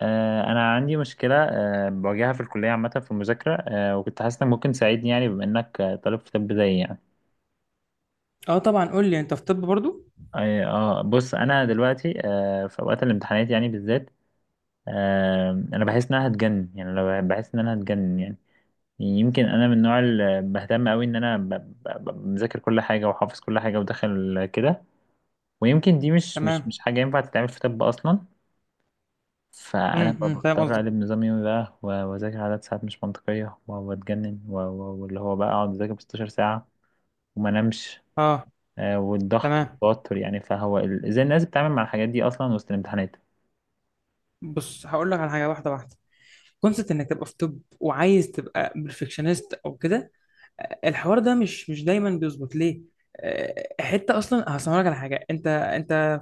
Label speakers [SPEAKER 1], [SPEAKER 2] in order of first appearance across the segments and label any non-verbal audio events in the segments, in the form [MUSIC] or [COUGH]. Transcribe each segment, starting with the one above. [SPEAKER 1] أنا عندي مشكلة، بواجهها في الكلية عامة في المذاكرة، وكنت حاسس إنك ممكن تساعدني، يعني بما إنك طالب في طب زيي يعني.
[SPEAKER 2] اه طبعا، قول لي انت في طب برضو.
[SPEAKER 1] أي- اه بص، أنا دلوقتي في أوقات الامتحانات يعني بالذات. أنا بحس إن أنا هتجنن، يعني لو بحس إن أنا هتجنن يعني. يمكن أنا من النوع اللي بهتم أوي إن أنا مذاكر كل حاجة وحافظ كل حاجة وداخل كده، ويمكن دي مش مش
[SPEAKER 2] تمام.
[SPEAKER 1] مش حاجة ينفع تتعمل في طب أصلا. فأنا
[SPEAKER 2] أمم، فاهم
[SPEAKER 1] بضطر
[SPEAKER 2] قصدك.
[SPEAKER 1] أقلب نظام يومي بقى وأذاكر عدد ساعات مش منطقية وأتجنن واللي هو بقى أقعد أذاكر 16 ساعة وما أنامش.
[SPEAKER 2] اه.
[SPEAKER 1] والضغط
[SPEAKER 2] تمام.
[SPEAKER 1] والتوتر، يعني فهو إزاي الناس بتتعامل مع الحاجات دي أصلا وسط الامتحانات؟
[SPEAKER 2] بص، هقول لك على حاجه واحده واحده. كونسبت انك تبقى في طب وعايز تبقى بيرفكشنست او كده، الحوار ده مش دايما بيظبط ليه. حته اصلا هسمع لك على حاجه. انت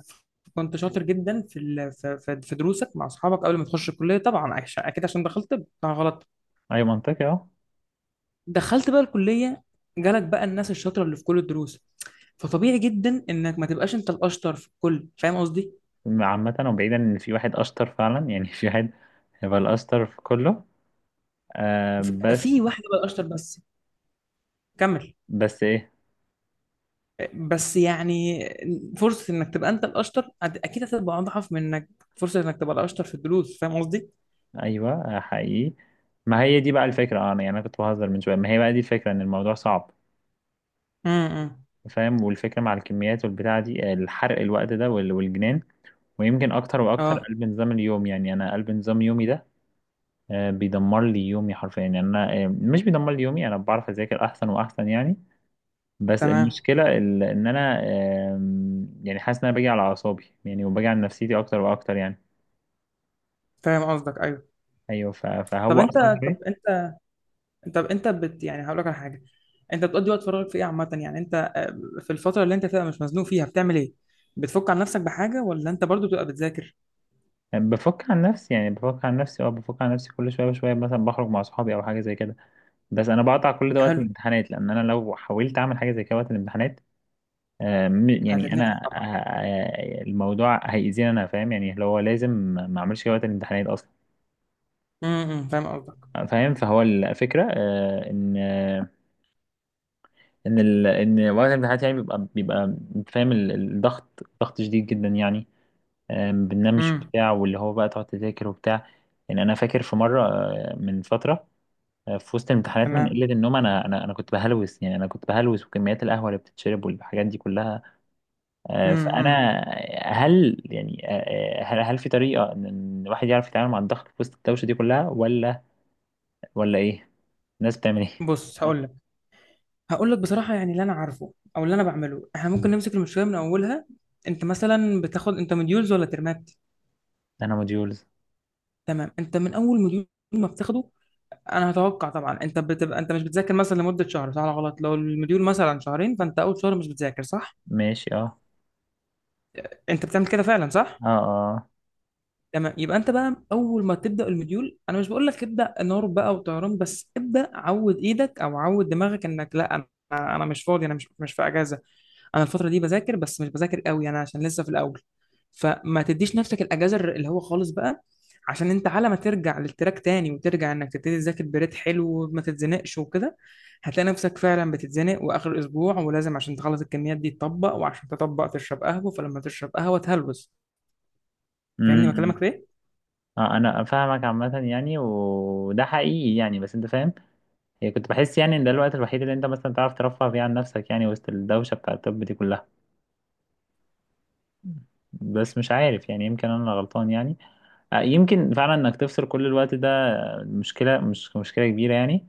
[SPEAKER 2] كنت شاطر جدا في ال... في في في دروسك مع اصحابك قبل ما تخش الكليه طبعا، اكيد عشان دخلت طب طبعا غلط.
[SPEAKER 1] أي، منطقي، أه.
[SPEAKER 2] دخلت بقى الكليه. جالك بقى الناس الشاطره اللي في كل الدروس. فطبيعي جدا انك ما تبقاش انت الاشطر في الكل، فاهم قصدي؟
[SPEAKER 1] عامة وبعيدا إن في واحد أشطر فعلا [LAUGHS] يعني، في واحد هيبقى الأشطر في كله، بس.
[SPEAKER 2] في واحدة بقى الأشطر بس. كمل.
[SPEAKER 1] بس إيه؟
[SPEAKER 2] بس يعني فرصة إنك تبقى أنت الأشطر، أكيد هتبقى أضعف من إنك، فرصة إنك تبقى الأشطر في الدروس، فاهم قصدي؟
[SPEAKER 1] أيوه. حقيقي. ما هي دي بقى الفكرة، أنا يعني أنا كنت بهزر من شوية، ما هي بقى دي الفكرة إن الموضوع صعب.
[SPEAKER 2] امم.
[SPEAKER 1] فاهم، والفكرة مع الكميات والبتاعة دي، الحرق الوقت ده والجنان. ويمكن أكتر وأكتر
[SPEAKER 2] أه.
[SPEAKER 1] قلب نظام اليوم، يعني أنا قلب نظام يومي ده، بيدمر لي يومي حرفيا، يعني أنا مش بيدمر لي يومي، أنا بعرف أذاكر أحسن وأحسن يعني. بس
[SPEAKER 2] تمام.
[SPEAKER 1] المشكلة إن أنا، يعني حاسس إن أنا باجي على أعصابي، يعني وباجي على نفسيتي أكتر وأكتر يعني.
[SPEAKER 2] فاهم قصدك، أيوه.
[SPEAKER 1] أيوه.
[SPEAKER 2] طب
[SPEAKER 1] فهو
[SPEAKER 2] أنت
[SPEAKER 1] أصلا
[SPEAKER 2] طب
[SPEAKER 1] إيه؟
[SPEAKER 2] أنت طب أنت، يعني هقول لك على حاجة. أنت بتقضي وقت فراغك في إيه عامة، يعني أنت في الفترة اللي أنت فيها مش مزنوق فيها بتعمل إيه؟ بتفك عن نفسك بحاجة ولا أنت برضو بتبقى بتذاكر؟
[SPEAKER 1] بفك عن نفسي، يعني بفك عن نفسي، بفك عن نفسي كل شوية بشوية، مثلا بخرج مع صحابي أو حاجة زي كده. بس أنا بقطع كل ده وقت
[SPEAKER 2] حلو.
[SPEAKER 1] الامتحانات لأن أنا لو حاولت أعمل حاجة زي كده وقت الامتحانات، يعني
[SPEAKER 2] هتتنفس
[SPEAKER 1] انا،
[SPEAKER 2] طبعا.
[SPEAKER 1] الموضوع هيأذيني، انا فاهم يعني، اللي هو لازم ما اعملش كده وقت الامتحانات اصلا.
[SPEAKER 2] فاهم قصدك.
[SPEAKER 1] فاهم، فهو الفكره، ان وقت الامتحانات يعني بيبقى انت فاهم، الضغط ضغط شديد جدا يعني. ما بننامش
[SPEAKER 2] امم.
[SPEAKER 1] وبتاع، واللي هو بقى تقعد تذاكر وبتاع. يعني انا فاكر في مره، من فتره، في وسط الامتحانات، من
[SPEAKER 2] تمام.
[SPEAKER 1] قله النوم انا كنت بهلوس، يعني انا كنت بهلوس، وكميات القهوه اللي بتتشرب والحاجات دي كلها،
[SPEAKER 2] امم
[SPEAKER 1] فانا، هل يعني، آه، آه، هل هل في طريقه إن الواحد يعرف يتعامل مع الضغط في وسط الدوشه دي كلها، ولا ولا ايه؟ الناس بتعمل ايه؟
[SPEAKER 2] بص، هقول لك بصراحة، يعني اللي أنا عارفه أو اللي أنا بعمله إحنا ممكن
[SPEAKER 1] مم.
[SPEAKER 2] نمسك المشكلة من أولها. أنت مثلا بتاخد أنت مديولز ولا ترمات؟
[SPEAKER 1] انا موديولز.
[SPEAKER 2] تمام. أنت من أول مديول ما بتاخده، أنا هتوقع طبعا أنت بتبقى أنت مش بتذاكر مثلا لمدة شهر، صح ولا غلط؟ لو المديول مثلا شهرين فأنت أول شهر مش بتذاكر، صح؟
[SPEAKER 1] ماشي، اه.
[SPEAKER 2] أنت بتعمل كده فعلا، صح؟
[SPEAKER 1] اه، اه.
[SPEAKER 2] تمام، يبقى أنت بقى أول ما تبدأ المديول أنا مش بقول لك ابدأ نار بقى وطيران، بس ابدأ عود إيدك أو عود دماغك إنك لا، أنا مش فاضي، أنا مش في أجازة. انا الفتره دي بذاكر، بس مش بذاكر قوي انا عشان لسه في الاول. فما تديش نفسك الاجازه اللي هو خالص بقى. عشان انت على ما ترجع للتراك تاني وترجع انك تبتدي تذاكر بريت حلو وما تتزنقش وكده. هتلاقي نفسك فعلا بتتزنق واخر اسبوع ولازم عشان تخلص الكميات دي تطبق، وعشان تطبق تشرب قهوه، فلما تشرب قهوه تهلوس. فاهمني
[SPEAKER 1] امم.
[SPEAKER 2] بكلمك في ايه؟
[SPEAKER 1] اه، انا فاهمك عامة يعني، وده حقيقي يعني، بس انت فاهم. هي كنت بحس يعني ان ده الوقت الوحيد اللي انت مثلا تعرف ترفه فيه عن نفسك، يعني وسط الدوشة بتاع الطب دي كلها. بس مش عارف، يعني يمكن انا اللي غلطان يعني. يمكن فعلا انك تفصل كل الوقت ده، مش مشكلة كبيرة يعني.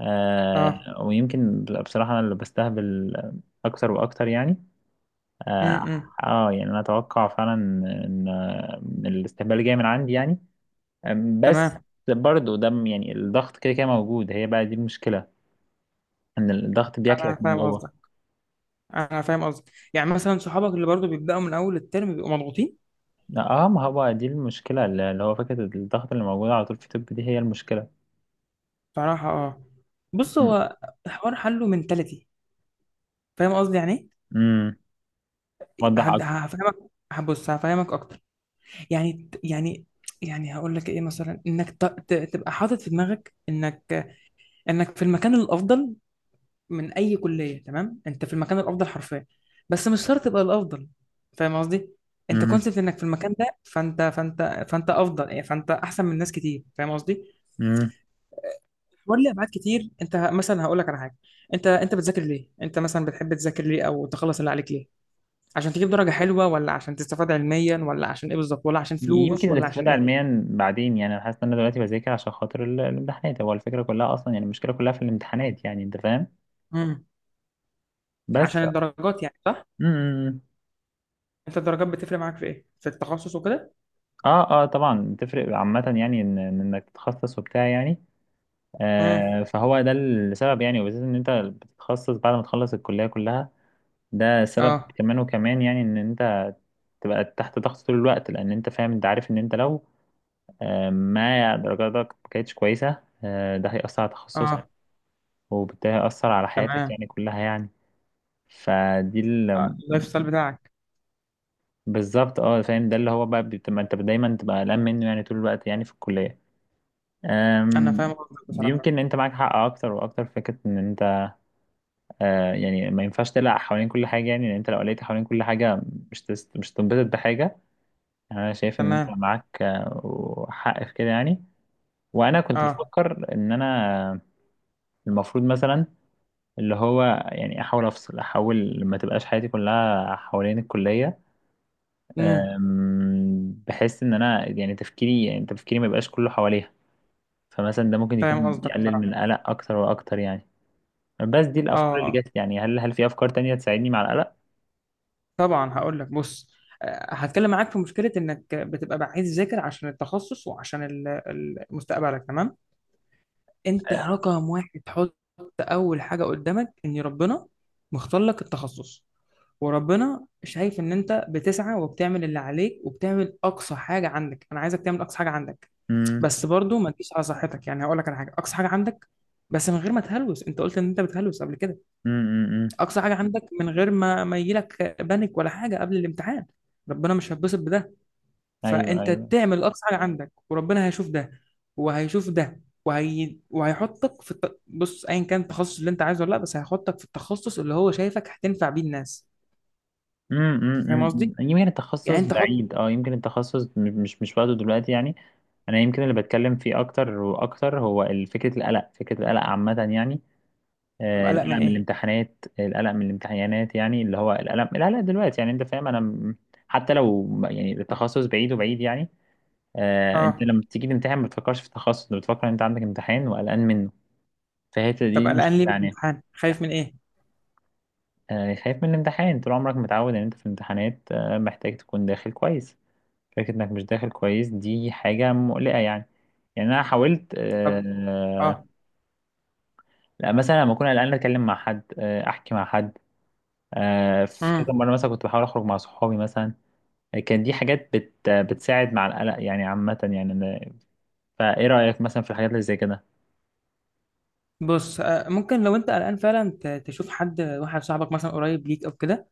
[SPEAKER 2] اه.
[SPEAKER 1] ويمكن بصراحة أنا اللي بستهبل أكتر وأكتر يعني. آه,
[SPEAKER 2] امم.
[SPEAKER 1] يعني أنا أتوقع فعلا إن الاستهبال جاي من عندي يعني. بس
[SPEAKER 2] تمام.
[SPEAKER 1] برضه ده يعني الضغط كده كده موجود، هي بقى دي المشكلة إن الضغط
[SPEAKER 2] انا
[SPEAKER 1] بياكلك من
[SPEAKER 2] فاهم
[SPEAKER 1] جوه.
[SPEAKER 2] قصدك. انا فاهم قصدك يعني مثلا صحابك اللي برضو بيبداوا من اول الترم بيبقوا مضغوطين.
[SPEAKER 1] اه، ما هو دي المشكلة اللي هو فكرة الضغط اللي موجودة على طول في الطب، دي هي المشكلة.
[SPEAKER 2] صراحة اه. بص،
[SPEAKER 1] م-
[SPEAKER 2] هو الحوار حله منتاليتي. فاهم قصدي يعني ايه؟
[SPEAKER 1] م. وضح أكتر.
[SPEAKER 2] هفهمك. هبص هفهمك اكتر. يعني يعني يعني هقول لك ايه، مثلا انك تبقى حاطط في دماغك انك في المكان الافضل من اي كلية. تمام، انت في المكان الافضل حرفيا، بس مش شرط تبقى الافضل، فاهم قصدي. انت
[SPEAKER 1] م-
[SPEAKER 2] كونسبت انك في المكان ده، فانت افضل يعني، فانت احسن من ناس كتير، فاهم قصدي.
[SPEAKER 1] م.
[SPEAKER 2] ولي ابعاد كتير. انت مثلا هقول لك على حاجه، انت بتذاكر ليه؟ انت مثلا بتحب تذاكر ليه او تخلص اللي عليك ليه؟ عشان تجيب درجه حلوه ولا عشان تستفاد علميا ولا عشان ايه بالظبط، ولا عشان
[SPEAKER 1] يمكن
[SPEAKER 2] فلوس ولا عشان
[SPEAKER 1] الاستفادة
[SPEAKER 2] ايه؟
[SPEAKER 1] علميا بعدين، يعني أنا حاسس إن أنا دلوقتي بذاكر عشان خاطر الامتحانات، هو الفكرة كلها أصلا يعني، المشكلة كلها في الامتحانات يعني، أنت فاهم.
[SPEAKER 2] امم.
[SPEAKER 1] بس.
[SPEAKER 2] عشان الدرجات يعني، صح؟
[SPEAKER 1] امم.
[SPEAKER 2] انت الدرجات بتفرق معاك في ايه، في التخصص وكده؟
[SPEAKER 1] اه، اه، طبعا تفرق عامة، يعني إن إن إنك تتخصص وبتاع يعني.
[SPEAKER 2] امم.
[SPEAKER 1] فهو ده السبب يعني، وبالذات إن أنت بتتخصص بعد ما تخلص الكلية كلها، ده سبب
[SPEAKER 2] اه
[SPEAKER 1] كمان وكمان، يعني إن أنت تبقى تحت ضغط طول الوقت، لأن أنت فاهم، أنت عارف إن أنت لو ما درجاتك ما كانتش كويسة، ده هيأثر على تخصصك،
[SPEAKER 2] اه.
[SPEAKER 1] وبالتالي هيأثر على حياتك
[SPEAKER 2] تمام.
[SPEAKER 1] يعني كلها يعني. فدي
[SPEAKER 2] اللايف ستايل بتاعك.
[SPEAKER 1] بالظبط، اه، فاهم، ده اللي هو بقى بتبقى انت دايما تبقى قلقان منه، يعني طول الوقت يعني في الكلية.
[SPEAKER 2] انا
[SPEAKER 1] أم...
[SPEAKER 2] فاهم قصدك بصراحه.
[SPEAKER 1] يمكن انت معاك حق اكتر واكتر في فكرة ان انت، يعني ما ينفعش تقلق حوالين كل حاجة، يعني لان انت لو قلقت حوالين كل حاجة مش تنبسط بحاجة. يعني انا شايف ان انت
[SPEAKER 2] تمام.
[SPEAKER 1] معاك، حق في كده يعني. وانا كنت
[SPEAKER 2] اه.
[SPEAKER 1] بفكر ان انا المفروض مثلا، اللي هو يعني، احاول افصل، احاول ما تبقاش حياتي كلها حوالين الكليه.
[SPEAKER 2] امم
[SPEAKER 1] بحس ان انا يعني تفكيري، يعني تفكيري ما يبقاش كله حواليها، فمثلا ده ممكن
[SPEAKER 2] فاهم
[SPEAKER 1] يكون
[SPEAKER 2] قصدك
[SPEAKER 1] يقلل من
[SPEAKER 2] بصراحه.
[SPEAKER 1] القلق اكتر واكتر يعني. بس دي الافكار اللي
[SPEAKER 2] اه
[SPEAKER 1] جت، يعني هل في افكار تانية تساعدني مع القلق؟
[SPEAKER 2] طبعا، هقول لك، بص، هتكلم معاك في مشكله انك بتبقى عايز تذاكر عشان التخصص وعشان مستقبلك، تمام. انت رقم واحد. حط اول حاجه قدامك ان ربنا مختار لك التخصص. وربنا شايف ان انت بتسعى وبتعمل اللي عليك وبتعمل اقصى حاجه عندك، انا عايزك تعمل اقصى حاجه عندك.
[SPEAKER 1] امم،
[SPEAKER 2] بس برضو ما تجيش على صحتك، يعني هقول لك على حاجه، اقصى حاجه عندك بس من غير ما تهلوس. انت قلت ان انت بتهلوس قبل كده.
[SPEAKER 1] امم،
[SPEAKER 2] اقصى حاجه عندك من غير ما يجيلك بانيك ولا حاجه قبل الامتحان. ربنا مش هيتبسط بده،
[SPEAKER 1] ايوه،
[SPEAKER 2] فانت
[SPEAKER 1] ايوه،
[SPEAKER 2] تعمل اقصى حاجه عندك وربنا هيشوف ده وهيشوف ده، بص، ايا كان التخصص اللي انت عايزه ولا لا، بس هيحطك في التخصص اللي هو شايفك هتنفع بيه الناس. فاهم
[SPEAKER 1] امم.
[SPEAKER 2] قصدي.
[SPEAKER 1] يمكن
[SPEAKER 2] يعني
[SPEAKER 1] التخصص
[SPEAKER 2] انت حط.
[SPEAKER 1] بعيد، يمكن التخصص مش وقته دلوقتي يعني. انا يمكن اللي بتكلم فيه اكتر واكتر هو فكره القلق عامه يعني.
[SPEAKER 2] طب قلق
[SPEAKER 1] القلق
[SPEAKER 2] من
[SPEAKER 1] من
[SPEAKER 2] ايه؟
[SPEAKER 1] الامتحانات القلق من الامتحانات يعني، اللي هو القلق دلوقتي يعني، انت فاهم، انا حتى لو يعني التخصص بعيد وبعيد يعني. انت
[SPEAKER 2] اه.
[SPEAKER 1] لما بتيجي تمتحن ما بتفكرش في التخصص، انت بتفكر ان انت عندك امتحان وقلقان منه، فهي
[SPEAKER 2] طب
[SPEAKER 1] دي
[SPEAKER 2] قلقان ليه
[SPEAKER 1] مشكلة
[SPEAKER 2] من
[SPEAKER 1] يعني.
[SPEAKER 2] الامتحان، خايف من ايه؟
[SPEAKER 1] خايف من الامتحان، طول عمرك متعود ان انت في الامتحانات محتاج تكون داخل كويس، فكرة انك مش داخل كويس دي حاجة مقلقة يعني. يعني انا حاولت،
[SPEAKER 2] طب. اه.
[SPEAKER 1] لا، مثلا لما اكون قلقان اتكلم مع حد، احكي مع حد. في كذا
[SPEAKER 2] امم.
[SPEAKER 1] مرة مثلا كنت بحاول أخرج مع صحابي مثلا، كان دي حاجات بتساعد مع القلق يعني عامة، يعني فإيه رأيك مثلا في الحاجات اللي زي كده؟
[SPEAKER 2] بص، ممكن لو انت قلقان فعلا تشوف حد واحد صاحبك مثلا قريب ليك او كده.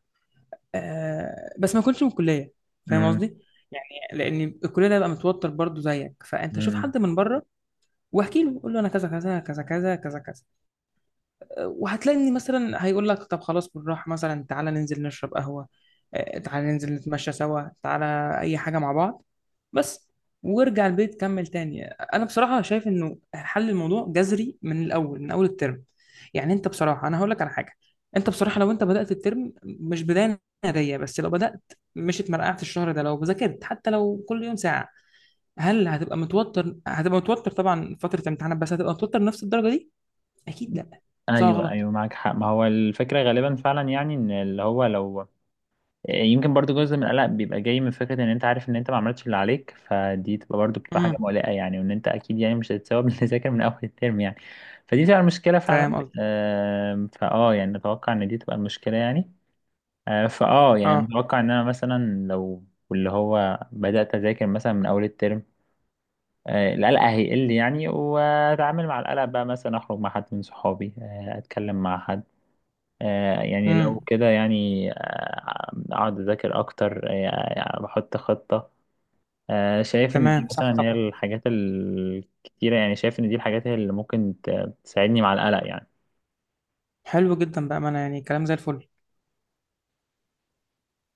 [SPEAKER 2] بس ما كنتش من الكليه. فاهم
[SPEAKER 1] امم،
[SPEAKER 2] قصدي. يعني لان الكليه ده بقى متوتر برضو زيك، فانت شوف
[SPEAKER 1] امم،
[SPEAKER 2] حد من بره. واحكي له، قول له انا كذا كذا كذا كذا كذا كذا. وهتلاقي ان مثلا هيقول لك طب خلاص بالراحه، مثلا تعالى ننزل نشرب قهوه، تعالى ننزل نتمشى سوا، تعالى اي حاجه مع بعض بس. وارجع البيت كمل تاني. انا بصراحه شايف انه حل الموضوع جذري من الاول، من اول الترم. يعني انت بصراحه انا هقول لك على حاجه، انت بصراحه لو انت بدات الترم مش بدايه ناريه، بس لو بدات، مش اتمرقعت الشهر ده، لو ذاكرت حتى لو كل يوم ساعه، هل هتبقى متوتر؟ هتبقى متوتر طبعا فتره امتحانات، بس هتبقى متوتر نفس الدرجه دي؟ اكيد لا. صح ولا
[SPEAKER 1] أيوه،
[SPEAKER 2] غلط؟
[SPEAKER 1] أيوه. معاك حق، ما هو الفكرة غالبا فعلا، يعني إن اللي هو لو، يمكن برضو جزء من القلق بيبقى جاي من فكرة إن أنت عارف إن أنت ما عملتش اللي عليك، فدي تبقى برضو بتبقى حاجة
[SPEAKER 2] امم
[SPEAKER 1] مقلقة يعني، وإن أنت أكيد يعني مش هتتثوب [LAUGHS] اللي ذاكر من أول الترم يعني، فدي تبقى المشكلة فعلا.
[SPEAKER 2] فاهم قصدي.
[SPEAKER 1] آم، فأه يعني أتوقع إن دي تبقى المشكلة يعني. آه، فاه يعني انا
[SPEAKER 2] اه.
[SPEAKER 1] اتوقع ان انا مثلا لو اللي هو بدات اذاكر مثلا من اول الترم، القلق هيقل يعني، واتعامل مع القلق بقى، مثلا اخرج مع حد من صحابي، اتكلم مع حد، يعني لو
[SPEAKER 2] امم
[SPEAKER 1] كده يعني، اقعد اذاكر اكتر، يعني بحط خطه، شايف ان دي
[SPEAKER 2] تمام، صح
[SPEAKER 1] مثلا هي
[SPEAKER 2] طبعا.
[SPEAKER 1] الحاجات الكتيره يعني، شايف ان دي الحاجات هي اللي ممكن تساعدني مع القلق يعني.
[SPEAKER 2] حلو جدا بقى، ما انا يعني كلام زي الفل.